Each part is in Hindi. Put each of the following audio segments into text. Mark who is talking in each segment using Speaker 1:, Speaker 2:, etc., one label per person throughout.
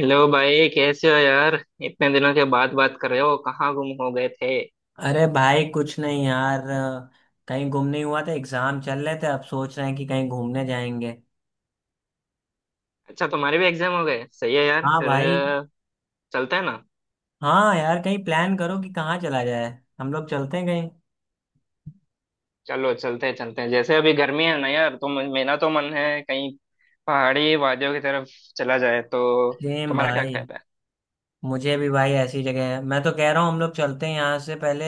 Speaker 1: हेलो भाई, कैसे हो यार। इतने दिनों के बाद बात कर रहे हो, कहाँ गुम हो गए थे।
Speaker 2: अरे भाई कुछ नहीं यार, कहीं घूमने हुआ था, एग्जाम चल रहे थे, अब सोच रहे हैं कि कहीं घूमने जाएंगे।
Speaker 1: अच्छा, तुम्हारे भी एग्जाम हो गए। सही है यार।
Speaker 2: हाँ भाई।
Speaker 1: चलते हैं ना।
Speaker 2: हाँ यार कहीं प्लान करो कि कहाँ चला जाए। हम लोग चलते हैं कहीं।
Speaker 1: चलो चलते हैं, चलते हैं। जैसे अभी गर्मी है ना यार, तो मेरा तो मन है कहीं पहाड़ी वादियों की तरफ चला जाए, तो
Speaker 2: सेम
Speaker 1: तुम्हारा क्या
Speaker 2: भाई।
Speaker 1: कहना
Speaker 2: मुझे भी भाई, ऐसी जगह है, मैं तो कह रहा हूँ हम लोग चलते हैं यहाँ से पहले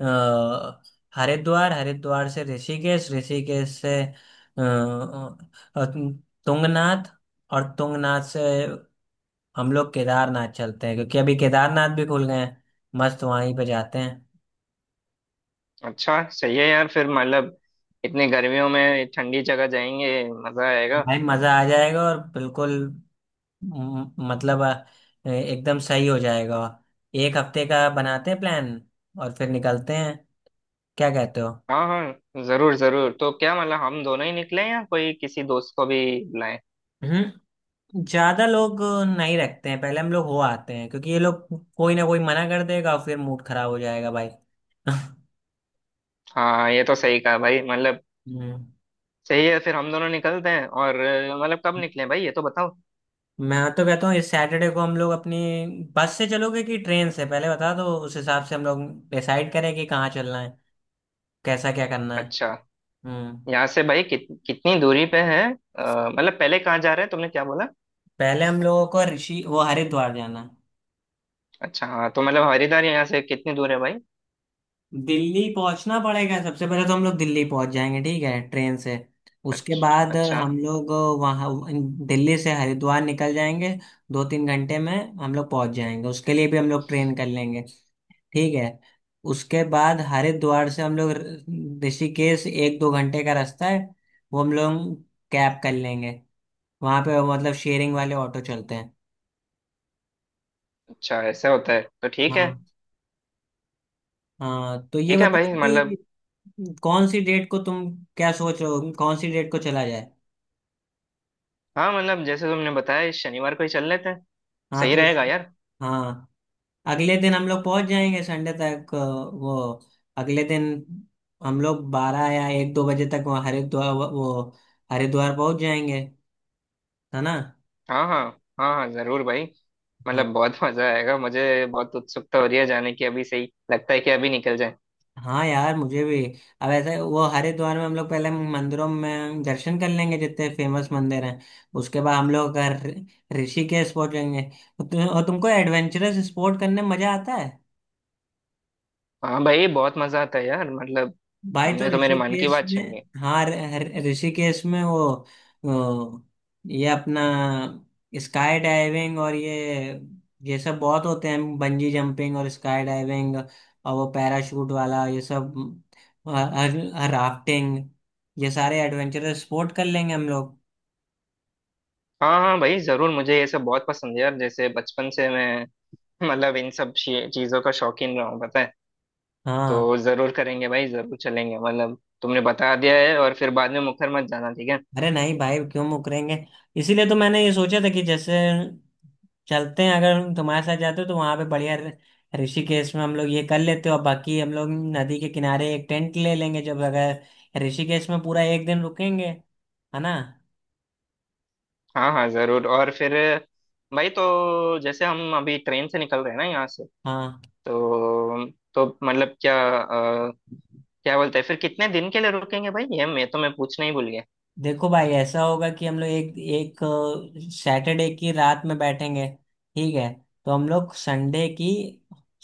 Speaker 2: अ, हरिद्वार, हरिद्वार से ऋषिकेश, ऋषिकेश से तुंगनाथ, और तुंगनाथ से हम लोग केदारनाथ चलते हैं, क्योंकि अभी केदारनाथ भी खुल गए हैं। मस्त वहीं पे जाते हैं।
Speaker 1: है। अच्छा, सही है यार। फिर मतलब इतनी गर्मियों में ठंडी जगह जाएंगे, मजा आएगा।
Speaker 2: भाई मजा आ जाएगा, और बिल्कुल मतलब एकदम सही हो जाएगा। एक हफ्ते का बनाते हैं प्लान और फिर निकलते हैं। क्या कहते हो?
Speaker 1: हाँ हाँ, जरूर जरूर। तो क्या मतलब हम दोनों ही निकले, या कोई किसी दोस्त को भी बुलाएं।
Speaker 2: हम्म। ज्यादा लोग नहीं रखते हैं, पहले हम लोग हो आते हैं, क्योंकि ये लोग कोई ना कोई मना कर देगा और फिर मूड खराब हो जाएगा भाई
Speaker 1: हाँ, ये तो सही कहा भाई। मतलब
Speaker 2: हम्म।
Speaker 1: सही है, फिर हम दोनों निकलते हैं। और मतलब कब निकलें भाई, ये तो बताओ।
Speaker 2: मैं तो कहता हूँ इस सैटरडे को हम लोग अपनी बस से चलोगे कि ट्रेन से पहले बता दो, उस हिसाब से हम लोग डिसाइड करें कि कहाँ चलना है, कैसा क्या करना है।
Speaker 1: अच्छा,
Speaker 2: हम्म।
Speaker 1: यहाँ से भाई कितनी दूरी पे है। मतलब पहले कहाँ जा रहे हैं, तुमने क्या बोला।
Speaker 2: पहले हम लोगों को ऋषि वो हरिद्वार जाना है।
Speaker 1: अच्छा हाँ, तो मतलब हरिद्वार यहाँ से कितनी दूर है भाई।
Speaker 2: दिल्ली पहुंचना पड़ेगा सबसे पहले, तो हम लोग दिल्ली पहुंच जाएंगे ठीक है, ट्रेन से। उसके
Speaker 1: अच्छा
Speaker 2: बाद
Speaker 1: अच्छा।
Speaker 2: हम लोग वहाँ दिल्ली से हरिद्वार निकल जाएंगे, 2-3 घंटे में हम लोग पहुंच जाएंगे, उसके लिए भी हम लोग ट्रेन कर लेंगे ठीक है। उसके बाद हरिद्वार से हम लोग ऋषिकेश, 1-2 घंटे का रास्ता है, वो हम लोग कैब कर लेंगे। वहां पे मतलब शेयरिंग वाले ऑटो चलते हैं।
Speaker 1: अच्छा, ऐसा होता है, तो ठीक है।
Speaker 2: हाँ। हाँ तो ये
Speaker 1: ठीक है भाई।
Speaker 2: बताओ कि
Speaker 1: मतलब
Speaker 2: कौन सी डेट को तुम क्या सोच रहे हो, कौन सी डेट को चला जाए।
Speaker 1: हाँ, मतलब जैसे तुमने बताया, इस शनिवार को ही चल लेते हैं।
Speaker 2: हाँ।
Speaker 1: सही रहेगा यार।
Speaker 2: हाँ, अगले दिन हम लोग पहुंच जाएंगे संडे तक वो, अगले दिन हम लोग 12 या 1-2 बजे तक वो हरिद्वार, वो हरिद्वार पहुंच जाएंगे, है ना?
Speaker 1: हाँ हाँ, हाँ हाँ जरूर भाई।
Speaker 2: हाँ।
Speaker 1: मतलब बहुत मजा आएगा। मुझे बहुत उत्सुकता हो रही है जाने की, अभी से ही लगता है कि अभी निकल जाए।
Speaker 2: हाँ यार मुझे भी। अब ऐसे वो, हरिद्वार में हम लोग पहले मंदिरों में दर्शन कर लेंगे जितने फेमस मंदिर हैं, उसके बाद हम लोग ऋषिकेश पहुंचेंगे, और और तुमको एडवेंचरस स्पोर्ट करने में मजा आता है?
Speaker 1: हाँ भाई, बहुत मजा आता है यार। मतलब
Speaker 2: भाई तो
Speaker 1: तुमने तो मेरे मन की
Speaker 2: ऋषिकेश
Speaker 1: बात छीन
Speaker 2: में।
Speaker 1: ली।
Speaker 2: हाँ, ऋषिकेश में वो वो, ये अपना स्काई डाइविंग और ये सब बहुत होते हैं, बंजी जंपिंग और स्काई डाइविंग और वो पैराशूट वाला, ये सब, राफ्टिंग, ये सारे एडवेंचरस स्पोर्ट कर लेंगे हम लोग।
Speaker 1: हाँ हाँ भाई, जरूर। मुझे ये सब बहुत पसंद है यार। जैसे बचपन से मैं मतलब इन सब चीजों का शौकीन रहा हूँ, पता है।
Speaker 2: हाँ।
Speaker 1: तो जरूर करेंगे भाई, जरूर चलेंगे। मतलब तुमने बता दिया है, और फिर बाद में मुखर मत जाना, ठीक है।
Speaker 2: अरे नहीं भाई, क्यों मुकरेंगे। इसीलिए तो मैंने ये सोचा था कि जैसे चलते हैं, अगर तुम्हारे साथ जाते हो तो वहां पे बढ़िया ऋषिकेश में हम लोग ये कर लेते हो, और बाकी हम लोग नदी के किनारे एक टेंट ले लेंगे, जब अगर ऋषिकेश में पूरा एक दिन रुकेंगे, है ना?
Speaker 1: हाँ हाँ जरूर। और फिर भाई, तो जैसे हम अभी ट्रेन से निकल रहे हैं ना यहाँ से,
Speaker 2: हाँ।
Speaker 1: तो तो मतलब क्या, अ, क्या बोलते हैं, फिर कितने दिन के लिए रुकेंगे भाई, ये मैं पूछना ही भूल गया।
Speaker 2: देखो भाई ऐसा होगा कि हम लोग एक एक सैटरडे की रात में बैठेंगे ठीक है, तो हम लोग संडे की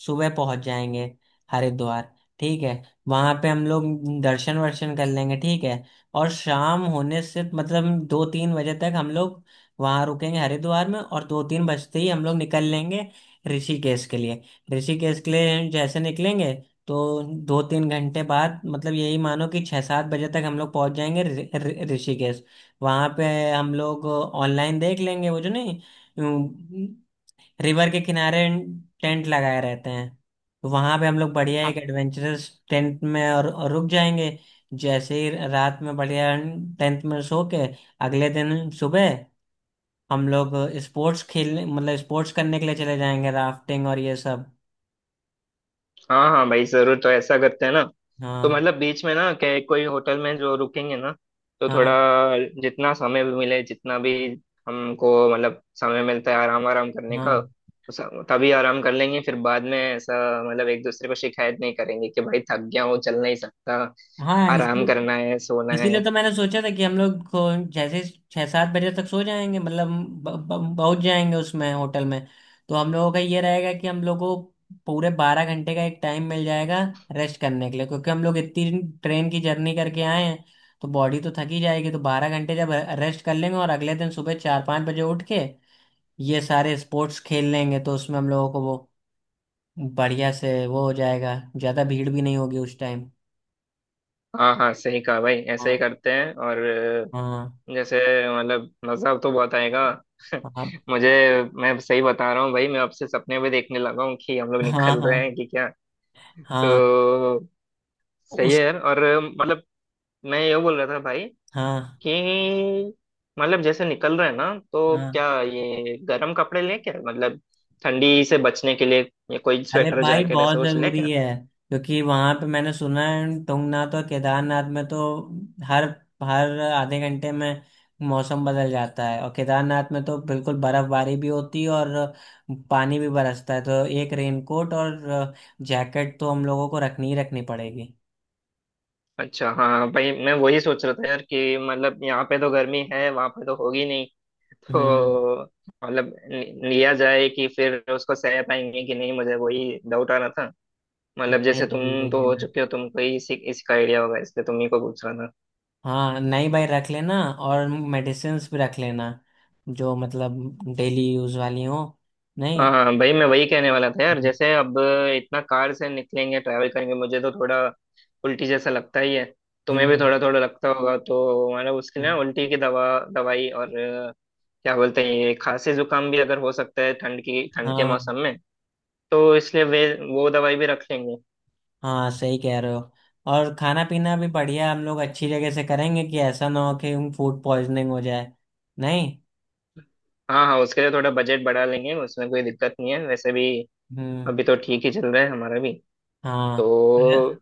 Speaker 2: सुबह पहुंच जाएंगे हरिद्वार ठीक है, वहां पे हम लोग दर्शन वर्शन कर लेंगे ठीक है, और शाम होने से मतलब 2-3 बजे तक हम लोग वहां रुकेंगे हरिद्वार में, और 2-3 बजते ही हम लोग निकल लेंगे ऋषिकेश के लिए। ऋषिकेश के लिए जैसे निकलेंगे तो 2-3 घंटे बाद मतलब यही मानो कि 6-7 बजे तक हम लोग पहुंच जाएंगे ऋषिकेश। वहां पे हम लोग ऑनलाइन देख लेंगे, वो जो नहीं रिवर के किनारे टेंट लगाए रहते हैं, तो वहां पे हम लोग बढ़िया एक एडवेंचरस टेंट में और रुक जाएंगे। जैसे ही रात में बढ़िया टेंट में सो के अगले दिन सुबह हम लोग स्पोर्ट्स खेलने मतलब स्पोर्ट्स करने के लिए चले जाएंगे, राफ्टिंग और ये सब।
Speaker 1: हाँ हाँ भाई, जरूर। तो ऐसा करते हैं ना, तो
Speaker 2: हाँ,
Speaker 1: मतलब बीच में ना क्या कोई होटल में जो रुकेंगे ना, तो थोड़ा
Speaker 2: हाँ,
Speaker 1: जितना समय भी मिले, जितना भी हमको मतलब समय मिलता है आराम, आराम करने का।
Speaker 2: हाँ,
Speaker 1: उस- तभी आराम कर लेंगे, फिर बाद में ऐसा मतलब एक दूसरे को शिकायत नहीं करेंगे कि भाई थक गया हूँ, चल नहीं सकता,
Speaker 2: हाँ।
Speaker 1: आराम करना है, सोना
Speaker 2: इसीलिए
Speaker 1: है।
Speaker 2: तो मैंने सोचा था कि हम लोग को जैसे 6-7 बजे तक सो जाएंगे मतलब पहुंच जाएंगे उसमें होटल में, तो हम लोगों का ये रहेगा कि हम लोगों को पूरे 12 घंटे का एक टाइम मिल जाएगा रेस्ट करने के लिए, क्योंकि हम लोग इतनी ट्रेन की जर्नी करके आए हैं तो बॉडी तो थकी जाएगी, तो 12 घंटे जब रेस्ट कर लेंगे और अगले दिन सुबह 4-5 बजे उठ के ये सारे स्पोर्ट्स खेल लेंगे, तो उसमें हम लोगों को वो बढ़िया से वो हो जाएगा, ज़्यादा भीड़ भी नहीं होगी उस टाइम।
Speaker 1: हाँ हाँ, सही कहा भाई, ऐसा ही
Speaker 2: हाँ,
Speaker 1: करते हैं। और
Speaker 2: हाँ,
Speaker 1: जैसे मतलब मजा तो बहुत आएगा।
Speaker 2: हाँ,
Speaker 1: मुझे, मैं सही बता रहा हूँ भाई, मैं अब से सपने भी देखने लगा हूँ कि हम लोग निकल रहे हैं
Speaker 2: हाँ,
Speaker 1: कि क्या।
Speaker 2: हाँ।
Speaker 1: तो सही है
Speaker 2: उस
Speaker 1: यार। और मतलब मैं ये बोल रहा था भाई,
Speaker 2: हाँ,
Speaker 1: कि मतलब जैसे निकल रहे हैं ना, तो
Speaker 2: हाँ।
Speaker 1: क्या ये गर्म कपड़े लें, क्या मतलब ठंडी से बचने के लिए ये कोई
Speaker 2: अरे
Speaker 1: स्वेटर
Speaker 2: भाई
Speaker 1: जैकेट ऐसा
Speaker 2: बहुत
Speaker 1: कुछ ले
Speaker 2: जरूरी
Speaker 1: क्या।
Speaker 2: है, क्योंकि वहां पे मैंने सुना है तुंगनाथ और केदारनाथ में तो हर हर आधे घंटे में मौसम बदल जाता है, और केदारनाथ में तो बिल्कुल बर्फबारी भी होती है और पानी भी बरसता है, तो एक रेनकोट और जैकेट तो हम लोगों को रखनी ही रखनी पड़ेगी।
Speaker 1: अच्छा हाँ भाई, मैं वही सोच रहा था यार, कि मतलब यहाँ पे तो गर्मी है, वहां पे तो होगी नहीं।
Speaker 2: हम्म।
Speaker 1: तो मतलब लिया जाए कि फिर उसको सह पाएंगे कि नहीं, मुझे वही डाउट आ रहा था। मतलब
Speaker 2: नहीं,
Speaker 1: जैसे
Speaker 2: नहीं, ले
Speaker 1: तुम तो हो
Speaker 2: लेना।
Speaker 1: चुके हो, तुमको ही इसी इसका आइडिया होगा, इसलिए तुम ही को पूछ रहा था।
Speaker 2: हाँ, नहीं भाई, रख लेना, और मेडिसिन्स भी रख लेना, जो मतलब डेली यूज वाली हो। नहीं।
Speaker 1: हाँ हाँ, भाई मैं वही कहने वाला था यार।
Speaker 2: हम्म।
Speaker 1: जैसे अब इतना कार से निकलेंगे, ट्रैवल करेंगे, मुझे तो थोड़ा उल्टी जैसा लगता ही है। तुम्हें भी
Speaker 2: हम्म।
Speaker 1: थोड़ा थोड़ा लगता होगा, तो मतलब उसके लिए ना उल्टी की दवाई और क्या बोलते हैं ये, खांसी जुकाम भी अगर हो सकता है ठंड की, ठंड के
Speaker 2: हाँ
Speaker 1: मौसम में, तो इसलिए वे वो दवाई भी रख लेंगे।
Speaker 2: हाँ सही कह रहे हो, और खाना पीना भी बढ़िया हम लोग अच्छी जगह से करेंगे, कि ऐसा ना हो कि फूड पॉइजनिंग हो जाए। नहीं।
Speaker 1: हाँ हाँ, उसके लिए थोड़ा बजट बढ़ा लेंगे, उसमें कोई दिक्कत नहीं है। वैसे भी
Speaker 2: हम्म।
Speaker 1: अभी तो ठीक ही चल रहा है हमारा भी। तो
Speaker 2: हाँ,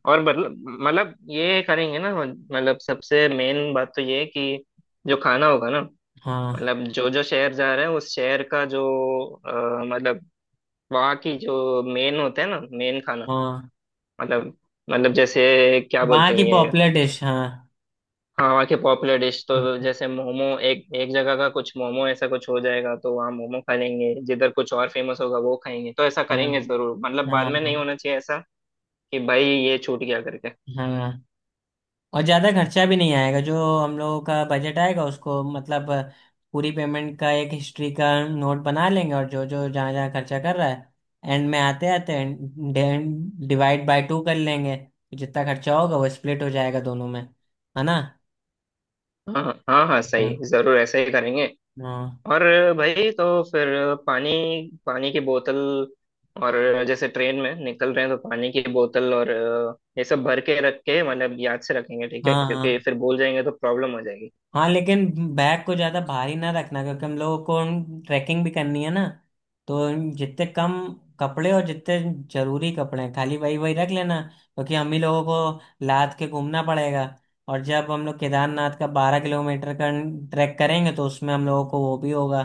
Speaker 1: और मतलब, मतलब ये करेंगे ना, मतलब सबसे मेन बात तो ये है कि जो खाना होगा ना,
Speaker 2: हाँ,
Speaker 1: मतलब जो जो शहर जा रहे हैं उस शहर का जो मतलब वहाँ की जो मेन होता है ना, मेन खाना।
Speaker 2: हाँ।
Speaker 1: मतलब, मतलब जैसे क्या
Speaker 2: वहाँ
Speaker 1: बोलते
Speaker 2: की
Speaker 1: हैं ये।
Speaker 2: पॉपुलर डिश, हाँ।
Speaker 1: हाँ, वहाँ की पॉपुलर डिश, तो जैसे मोमो, एक एक जगह का कुछ मोमो ऐसा कुछ हो जाएगा, तो वहाँ मोमो खा लेंगे, जिधर कुछ और फेमस होगा वो खाएंगे। तो ऐसा
Speaker 2: हाँ,
Speaker 1: करेंगे जरूर, मतलब
Speaker 2: हाँ,
Speaker 1: बाद में नहीं
Speaker 2: हाँ,
Speaker 1: होना चाहिए ऐसा कि भाई ये छूट गया करके।
Speaker 2: हाँ, और ज़्यादा खर्चा भी नहीं आएगा, जो हम लोगों का बजट आएगा उसको मतलब पूरी पेमेंट का एक हिस्ट्री का नोट बना लेंगे, और जो जो जहाँ जहाँ खर्चा कर रहा है एंड में आते आते डिवाइड बाय टू कर लेंगे, तो जितना खर्चा होगा वो स्प्लिट हो जाएगा दोनों में, है ना?
Speaker 1: हाँ हाँ, हाँ हाँ,
Speaker 2: हाँ,
Speaker 1: सही, जरूर ऐसा ही करेंगे।
Speaker 2: हाँ,
Speaker 1: और भाई, तो फिर पानी, पानी की बोतल, और जैसे ट्रेन में निकल रहे हैं, तो पानी की बोतल और ये सब भर के रख के, मतलब याद से रखेंगे, ठीक है,
Speaker 2: हाँ,
Speaker 1: क्योंकि
Speaker 2: हाँ,
Speaker 1: फिर भूल जाएंगे तो प्रॉब्लम हो जाएगी।
Speaker 2: हाँ, लेकिन बैग को ज्यादा भारी ना रखना, क्योंकि हम लोगों को ट्रैकिंग भी करनी है ना, तो जितने कम कपड़े और जितने जरूरी कपड़े हैं, खाली वही वही रख लेना, क्योंकि हम ही लोगों को लाद के घूमना पड़ेगा, और जब हम लोग केदारनाथ का 12 किलोमीटर का ट्रैक करेंगे तो उसमें हम लोगों को वो भी होगा,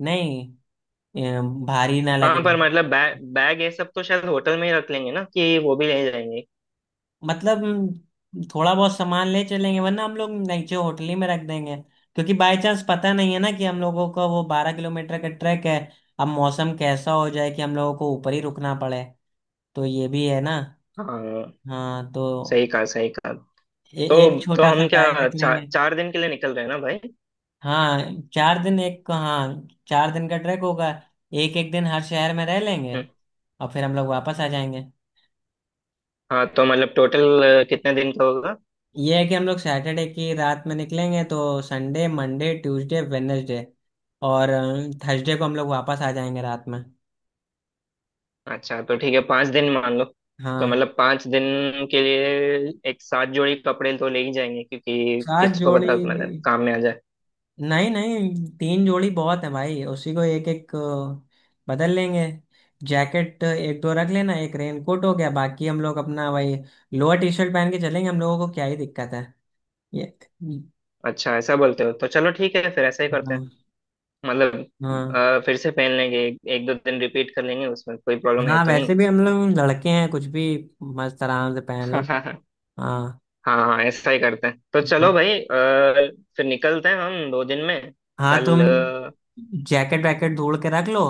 Speaker 2: नहीं अ, भारी ना
Speaker 1: हाँ,
Speaker 2: लगे।
Speaker 1: पर मतलब बैग बैग ये सब तो शायद होटल में ही रख लेंगे ना, कि वो भी ले जाएंगे।
Speaker 2: मतलब थोड़ा बहुत सामान ले चलेंगे, वरना हम लोग नीचे होटल ही में रख देंगे, क्योंकि बाय चांस पता नहीं है ना कि हम लोगों का वो 12 किलोमीटर का ट्रैक है, अब मौसम कैसा हो जाए कि हम लोगों को ऊपर ही रुकना पड़े, तो ये भी है ना।
Speaker 1: हाँ
Speaker 2: हाँ तो
Speaker 1: सही कहा, सही कहा।
Speaker 2: एक
Speaker 1: तो
Speaker 2: छोटा सा
Speaker 1: हम
Speaker 2: बैग
Speaker 1: क्या
Speaker 2: रख
Speaker 1: चार,
Speaker 2: लेंगे।
Speaker 1: चार दिन के लिए निकल रहे हैं ना भाई।
Speaker 2: हाँ चार दिन एक हाँ, चार दिन का ट्रैक होगा, एक एक दिन हर शहर में रह लेंगे
Speaker 1: हम्म,
Speaker 2: और फिर हम लोग वापस आ जाएंगे।
Speaker 1: हाँ तो मतलब टोटल कितने दिन का होगा।
Speaker 2: ये है कि हम लोग सैटरडे की रात में निकलेंगे तो संडे मंडे ट्यूसडे वेडनेसडे और थर्सडे को हम लोग वापस आ जाएंगे रात में।
Speaker 1: अच्छा, तो ठीक है, पाँच दिन मान लो। तो
Speaker 2: हाँ।
Speaker 1: मतलब पाँच दिन के लिए एक सात जोड़ी कपड़े तो ले ही जाएंगे, क्योंकि
Speaker 2: सात
Speaker 1: किसको
Speaker 2: जोड़ी
Speaker 1: पता मतलब काम में आ जाए।
Speaker 2: नहीं, नहीं, 3 जोड़ी बहुत है भाई, उसी को एक एक बदल लेंगे। जैकेट एक दो रख लेना, एक रेनकोट हो गया, बाकी हम लोग अपना भाई लोअर टी शर्ट पहन के चलेंगे, हम लोगों को क्या ही दिक्कत है ये।
Speaker 1: अच्छा, ऐसा बोलते हो तो चलो, ठीक है, फिर ऐसा ही करते हैं।
Speaker 2: हाँ,
Speaker 1: मतलब
Speaker 2: हाँ,
Speaker 1: फिर से पहन लेंगे, एक दो दिन रिपीट कर लेंगे, उसमें कोई प्रॉब्लम है
Speaker 2: हाँ,
Speaker 1: तो
Speaker 2: वैसे भी हम लोग लड़के हैं, कुछ भी मस्त आराम से पहन लो।
Speaker 1: नहीं।
Speaker 2: हाँ।
Speaker 1: हाँ हाँ, ऐसा ही करते हैं। तो चलो
Speaker 2: हाँ।
Speaker 1: भाई, फिर निकलते हैं हम दो दिन में।
Speaker 2: हाँ तुम
Speaker 1: कल अ,
Speaker 2: जैकेट वैकेट ढूंढ के रख लो,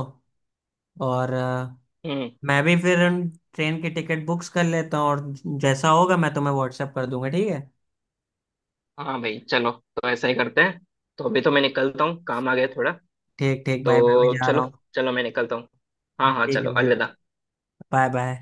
Speaker 2: और
Speaker 1: हम्म।
Speaker 2: मैं भी फिर उन ट्रेन की टिकट बुक्स कर लेता हूँ, और जैसा होगा मैं तुम्हें व्हाट्सएप कर दूंगा, ठीक है।
Speaker 1: हाँ भाई, चलो, तो ऐसा ही करते हैं। तो अभी तो मैं निकलता हूँ, काम आ गया थोड़ा।
Speaker 2: ठीक ठीक भाई, मैं भी
Speaker 1: तो
Speaker 2: जा रहा हूँ।
Speaker 1: चलो चलो, मैं निकलता हूँ। हाँ हाँ,
Speaker 2: ठीक है
Speaker 1: चलो,
Speaker 2: भाई।
Speaker 1: अलविदा।
Speaker 2: Bye bye.